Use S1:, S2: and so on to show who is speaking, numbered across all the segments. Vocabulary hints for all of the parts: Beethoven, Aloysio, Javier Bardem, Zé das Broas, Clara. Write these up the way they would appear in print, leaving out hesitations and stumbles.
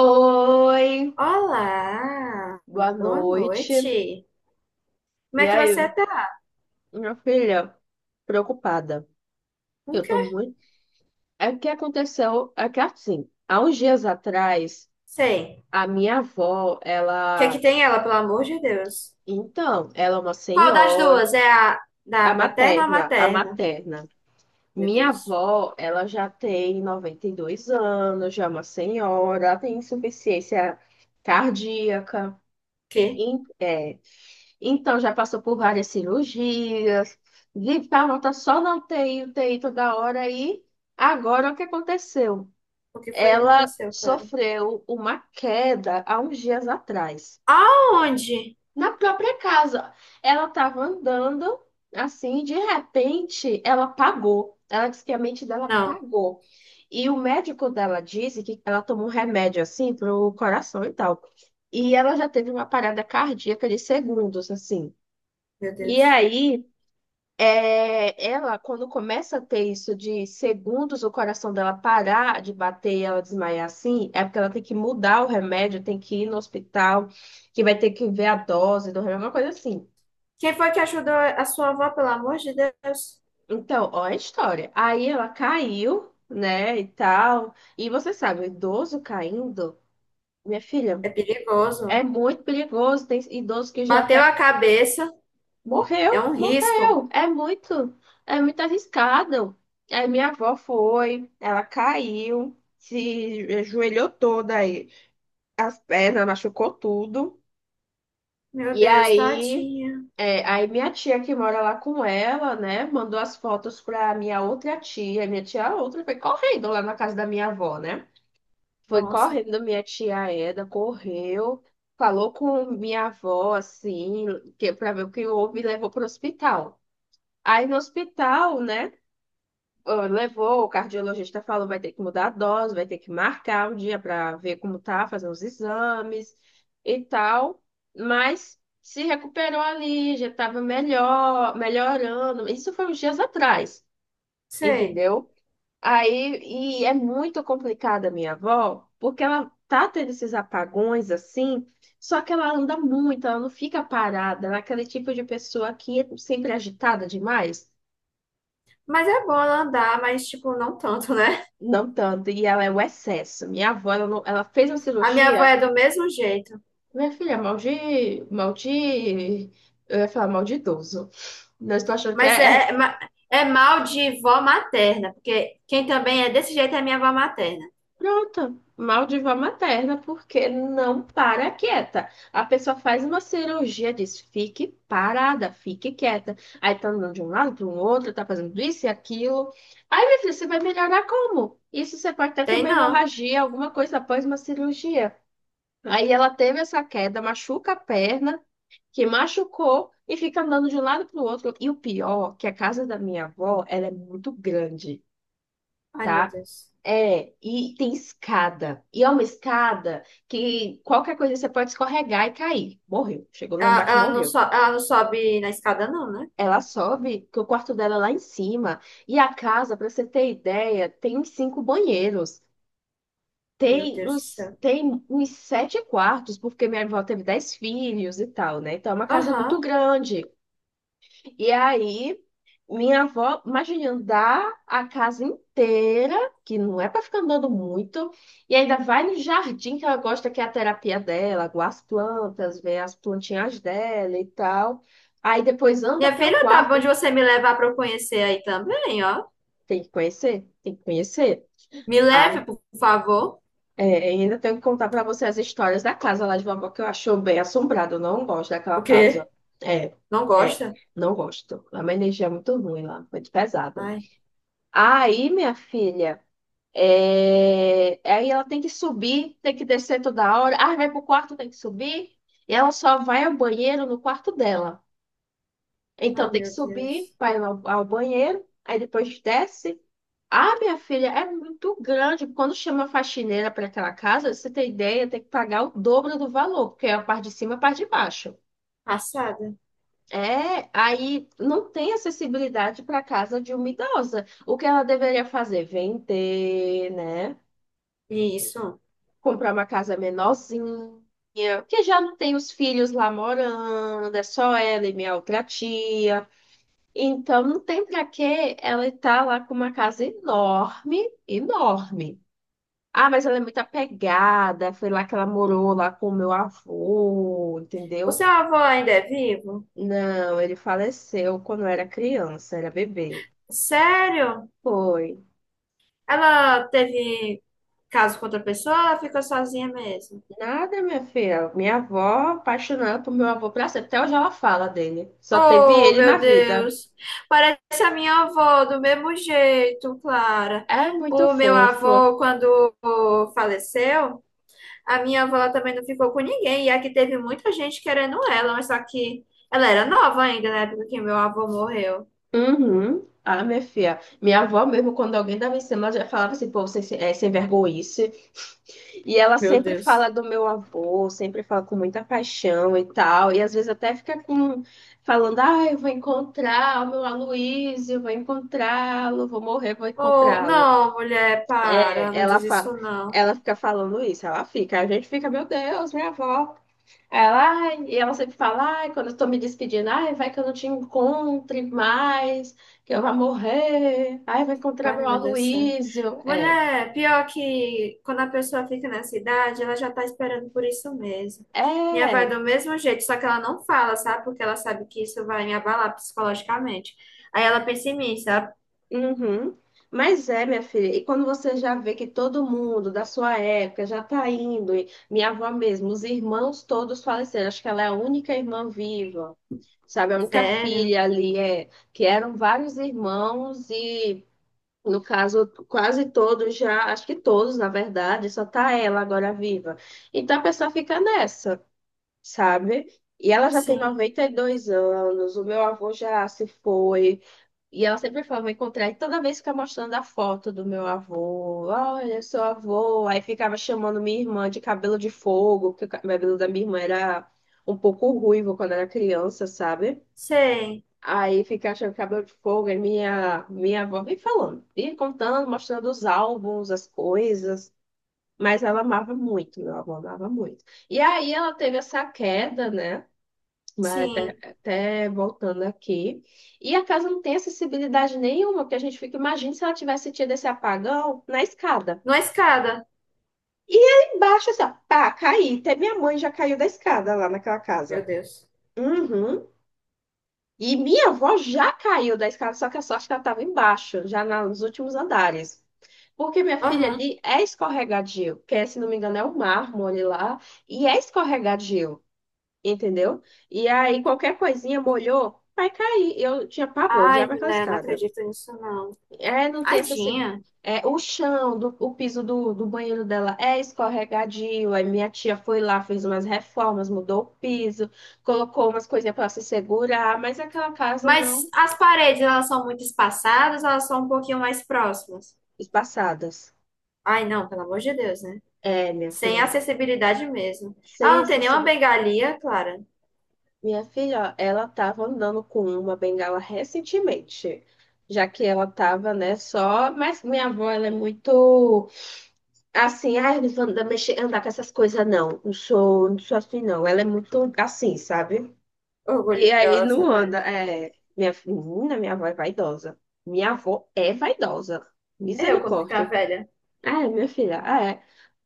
S1: Oi,
S2: Olá,
S1: boa
S2: boa
S1: noite.
S2: noite. Como
S1: E
S2: é que
S1: aí,
S2: você tá?
S1: minha filha, preocupada. Eu
S2: Nunca
S1: tô muito. É que aconteceu, é que assim, há uns dias atrás,
S2: sei. O
S1: a minha avó,
S2: que é que
S1: ela,
S2: tem ela, pelo amor de Deus?
S1: então, ela é uma
S2: Qual das
S1: senhora,
S2: duas? É a da
S1: a
S2: paterna ou
S1: materna, a
S2: materna?
S1: materna.
S2: Meu
S1: Minha
S2: Deus.
S1: avó, ela já tem 92 anos, já é uma senhora, ela tem insuficiência cardíaca.
S2: Que?
S1: E, Então, já passou por várias cirurgias, de tá só na UTI, UTI toda hora, e agora o que aconteceu?
S2: O que foi que
S1: Ela
S2: aconteceu, Clara?
S1: sofreu uma queda há uns dias atrás,
S2: Aonde?
S1: na própria casa. Ela estava andando, assim, de repente, ela pagou. Ela disse que a mente dela
S2: Não,
S1: pagou. E o médico dela disse que ela tomou um remédio, assim, para o coração e tal. E ela já teve uma parada cardíaca de segundos, assim.
S2: meu
S1: E
S2: Deus.
S1: aí. É, ela, quando começa a ter isso de segundos o coração dela parar de bater e ela desmaiar assim, é porque ela tem que mudar o remédio, tem que ir no hospital, que vai ter que ver a dose do remédio, uma coisa assim.
S2: Quem foi que ajudou a sua avó, pelo amor de Deus?
S1: Então, ó, a história. Aí ela caiu, né, e tal. E você sabe, o idoso caindo, minha filha,
S2: É
S1: é
S2: perigoso.
S1: muito perigoso. Tem idoso que já
S2: Bateu
S1: até
S2: a cabeça, é
S1: morreu,
S2: um risco.
S1: morreu. É muito arriscado. Aí minha avó foi, ela caiu, se ajoelhou toda aí, as pernas machucou tudo.
S2: Meu
S1: E
S2: Deus,
S1: aí,
S2: tadinha.
S1: aí minha tia que mora lá com ela, né, mandou as fotos pra minha outra tia. Minha tia outra foi correndo lá na casa da minha avó, né? Foi
S2: Nossa,
S1: correndo minha tia Eda, correu, falou com minha avó assim, que para ver o que houve e levou pro hospital. Aí no hospital, né? Ó, levou, o cardiologista falou, vai ter que mudar a dose, vai ter que marcar um dia para ver como tá, fazer os exames e tal. Mas se recuperou ali, já estava melhor, melhorando. Isso foi uns dias atrás,
S2: sei.
S1: entendeu? Aí, e é muito complicada a minha avó, porque ela tá tendo esses apagões assim, só que ela anda muito, ela não fica parada, ela é aquele tipo de pessoa que é sempre agitada demais.
S2: Mas é bom ela andar, mas tipo, não tanto, né?
S1: Não tanto, e ela é o excesso. Minha avó, ela, ela fez uma
S2: A minha avó
S1: cirurgia,
S2: é do mesmo jeito,
S1: minha filha, mal de, eu ia falar mal de idoso. Não estou achando que
S2: mas
S1: é,
S2: é, é, ma- é mal de vó materna, porque quem também é desse jeito é minha avó materna.
S1: pronto, mal de vó materna, porque não para quieta. A pessoa faz uma cirurgia, diz, fique parada, fique quieta. Aí tá andando de um lado para o outro, tá fazendo isso e aquilo. Aí, minha filha, você vai melhorar como? Isso você pode até ter
S2: Tem
S1: uma
S2: não.
S1: hemorragia, alguma coisa após uma cirurgia. Aí ela teve essa queda, machuca a perna, que machucou e fica andando de um lado para o outro. E o pior, que a casa da minha avó, ela é muito grande,
S2: Ai, meu
S1: tá?
S2: Deus.
S1: É, e tem escada. E é uma escada que qualquer coisa você pode escorregar e cair. Morreu. Chegou lá
S2: Ela,
S1: embaixo,
S2: ela não,
S1: morreu.
S2: ela não sobe na escada, não, né?
S1: Ela sobe, que o quarto dela é lá em cima. E a casa, para você ter ideia, tem uns cinco banheiros.
S2: Meu
S1: Tem
S2: Deus do
S1: uns,
S2: céu.
S1: tem uns sete quartos, porque minha avó teve dez filhos e tal, né? Então é uma casa muito
S2: Aham.
S1: grande. E aí, minha avó, imagina, andar a casa inteira, que não é para ficar andando muito, e ainda vai no jardim que ela gosta, que é a terapia dela, guarda as plantas, vê as plantinhas dela e tal. Aí depois anda
S2: Minha
S1: até o
S2: filha, tá bom de
S1: quarto,
S2: você me levar para eu conhecer aí também, ó.
S1: tem que conhecer, tem que conhecer.
S2: Me leve,
S1: Ah,
S2: por favor.
S1: É, e ainda tenho que contar para você as histórias da casa lá de vovó que eu acho bem assombrado. Eu não gosto daquela
S2: O
S1: casa.
S2: quê?
S1: É,
S2: Não
S1: é,
S2: gosta?
S1: não gosto. É uma energia muito ruim lá, muito pesada.
S2: Ai,
S1: Aí, minha filha, aí ela tem que subir, tem que descer toda hora. Ah, vai pro quarto, tem que subir. E ela só vai ao banheiro no quarto dela. Então
S2: ah,
S1: tem que
S2: meu
S1: subir,
S2: Deus.
S1: vai ao banheiro, aí depois desce. Ah, minha filha, é muito grande. Quando chama a faxineira para aquela casa, você tem ideia, tem que pagar o dobro do valor, porque é a parte de cima e a parte de baixo.
S2: Passada.
S1: É, aí não tem acessibilidade para a casa de uma idosa. O que ela deveria fazer? Vender, né?
S2: Isso.
S1: Comprar uma casa menorzinha, que já não tem os filhos lá morando, é só ela e minha outra tia. Então não tem para que ela estar lá com uma casa enorme, enorme. Ah, mas ela é muito apegada. Foi lá que ela morou lá com o meu avô,
S2: O
S1: entendeu?
S2: seu avô ainda é vivo?
S1: Não, ele faleceu quando eu era criança, era bebê.
S2: Sério?
S1: Foi.
S2: Ela teve caso com outra pessoa, ou ela ficou sozinha mesmo.
S1: Nada, minha filha. Minha avó apaixonada por meu avô pra sempre. Até hoje ela fala dele. Só teve
S2: Oh,
S1: ele na
S2: meu
S1: vida.
S2: Deus. Parece a minha avó do mesmo jeito, Clara.
S1: É muito
S2: O meu
S1: fofo.
S2: avô, quando faleceu, a minha avó ela também não ficou com ninguém. E aqui teve muita gente querendo ela, mas só que ela era nova ainda na época que meu avô morreu.
S1: Uhum. Ah, minha filha. Minha avó mesmo, quando alguém dava em cima, ela já falava assim, pô, você é sem vergonha. E ela
S2: Meu
S1: sempre fala
S2: Deus.
S1: do meu avô, sempre fala com muita paixão e tal. E às vezes até fica com, falando: ah, eu vou encontrar o meu Aloysio, vou encontrá-lo, vou morrer, vou
S2: Oh,
S1: encontrá-lo.
S2: não, mulher, para,
S1: É,
S2: não
S1: ela
S2: diz
S1: fala,
S2: isso não.
S1: ela fica falando isso, ela fica. A gente fica: meu Deus, minha avó. Aí ela, ai, e ela sempre fala: ai, quando eu tô me despedindo, ai, vai que eu não te encontre mais, que eu vou morrer, ai, vou encontrar
S2: Vale,
S1: meu
S2: meu Deus do céu.
S1: Aloysio. É.
S2: Mulher, pior que quando a pessoa fica na cidade, ela já tá esperando por isso mesmo. Minha avó é
S1: É,
S2: do mesmo jeito, só que ela não fala, sabe? Porque ela sabe que isso vai me abalar psicologicamente. Aí ela pensa em mim, sabe?
S1: uhum. Mas é, minha filha, e quando você já vê que todo mundo da sua época já tá indo, e minha avó mesmo, os irmãos todos faleceram, acho que ela é a única irmã viva, sabe? A única
S2: Sério?
S1: filha ali, é, que eram vários irmãos e, no caso, quase todos já, acho que todos, na verdade, só tá ela agora viva. Então a pessoa fica nessa, sabe? E ela já tem
S2: Sim.
S1: 92 anos, o meu avô já se foi. E ela sempre falava encontrar, e toda vez ficava mostrando a foto do meu avô. Olha, seu avô. Aí ficava chamando minha irmã de cabelo de fogo, porque o cabelo da minha irmã era um pouco ruivo quando era criança, sabe?
S2: Sei.
S1: Aí ficava chamando cabelo de fogo, aí minha avó vem falando, e contando, mostrando os álbuns, as coisas. Mas ela amava muito, meu avô amava muito. E aí ela teve essa queda, né? Mas Até,
S2: Sim.
S1: até voltando aqui. E a casa não tem acessibilidade nenhuma, porque a gente fica, imagina se ela tivesse tido esse apagão na escada.
S2: Numa escada.
S1: E aí embaixo, assim, ó, pá, caí. Até minha mãe já caiu da escada lá naquela
S2: Meu
S1: casa.
S2: Deus.
S1: Uhum. E minha avó já caiu da escada, só que a sorte é que ela estava embaixo, já nos últimos andares. Porque minha filha
S2: Aham.
S1: ali é escorregadio, que é, se não me engano é o mármore lá, e é escorregadio. Entendeu? E aí qualquer coisinha molhou, vai cair. Eu tinha pavor,
S2: Ai,
S1: odiava aquela
S2: mulher, não
S1: escada.
S2: acredito nisso, não.
S1: É, não tem esse, esse-
S2: Tadinha.
S1: é, o chão, do, o piso do, do banheiro dela é escorregadio. Aí minha tia foi lá, fez umas reformas, mudou o piso, colocou umas coisinhas para se segurar, mas aquela casa
S2: Mas
S1: não.
S2: as paredes, elas são muito espaçadas, ou elas são um pouquinho mais próximas.
S1: Espaçadas.
S2: Ai, não, pelo amor de Deus, né?
S1: É, minha
S2: Sem
S1: filha,
S2: acessibilidade mesmo. Ah,
S1: sem
S2: não tem nenhuma
S1: excessivo.
S2: bengalinha, Clara.
S1: Minha filha, ó, ela estava andando com uma bengala recentemente já que ela estava né, só, mas minha avó, ela é muito assim, ah, eu não vou andar, mexer, andar com essas coisas, não. Não sou assim, não. Ela é muito assim, sabe? E aí não
S2: Orgulhosa, né?
S1: anda. É, minha menina, minha avó é vaidosa. Minha avó é vaidosa.
S2: Eu, quando ficar
S1: Misericórdia.
S2: velha,
S1: Ah, é, minha filha, ah, é.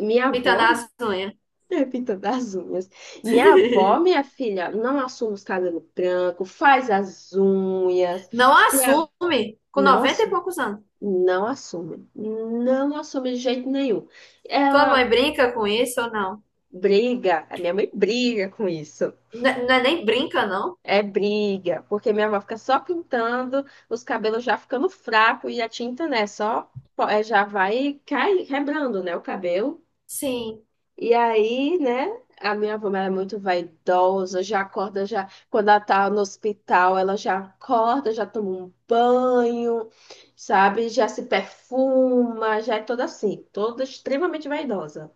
S1: Minha
S2: pintando
S1: avó
S2: as unhas.
S1: é pintando as unhas. Minha avó, minha filha, não assume os cabelos brancos, faz as unhas.
S2: Não
S1: Se a-
S2: assume com
S1: Não
S2: 90 e
S1: assume.
S2: poucos anos.
S1: Não assume. Não assume de jeito nenhum.
S2: Tua mãe
S1: Ela
S2: brinca com isso ou não?
S1: briga, a minha mãe briga com isso.
S2: N- Não é nem brinca, não?
S1: É briga, porque minha avó fica só pintando, os cabelos já ficando fraco e a tinta, né, só é, já vai cai, quebrando, né, o cabelo.
S2: Sim.
S1: E aí, né, a minha avó ela é muito vaidosa, já acorda, já quando ela tá no hospital, ela já acorda, já toma um banho, sabe? Já se perfuma, já é toda assim, toda extremamente vaidosa.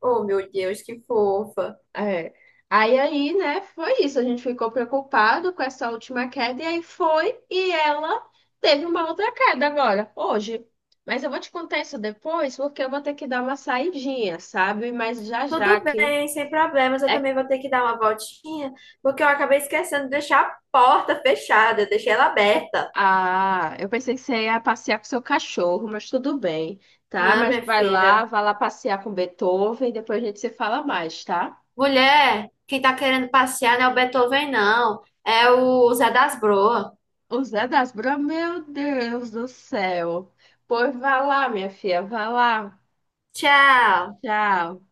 S2: Oh, meu Deus, que fofa.
S1: É. Aí, aí, né, foi isso. A gente ficou preocupado com essa última queda, e aí foi, e ela teve uma outra queda agora, hoje. Mas eu vou te contar isso depois, porque eu vou ter que dar uma saidinha, sabe? Mas já já
S2: Tudo
S1: que
S2: bem, sem problemas. Eu
S1: é.
S2: também vou ter que dar uma voltinha, porque eu acabei esquecendo de deixar a porta fechada. Eu deixei ela aberta.
S1: Ah, eu pensei que você ia passear com seu cachorro, mas tudo bem, tá?
S2: Não,
S1: Mas
S2: minha filha.
S1: vai lá passear com Beethoven, e depois a gente se fala mais, tá?
S2: Mulher, quem tá querendo passear não é o Beethoven, não. É o Zé das Broas.
S1: O Zé das Bra, meu Deus do céu. Pois vai lá, minha filha, vai lá.
S2: Tchau.
S1: Tchau.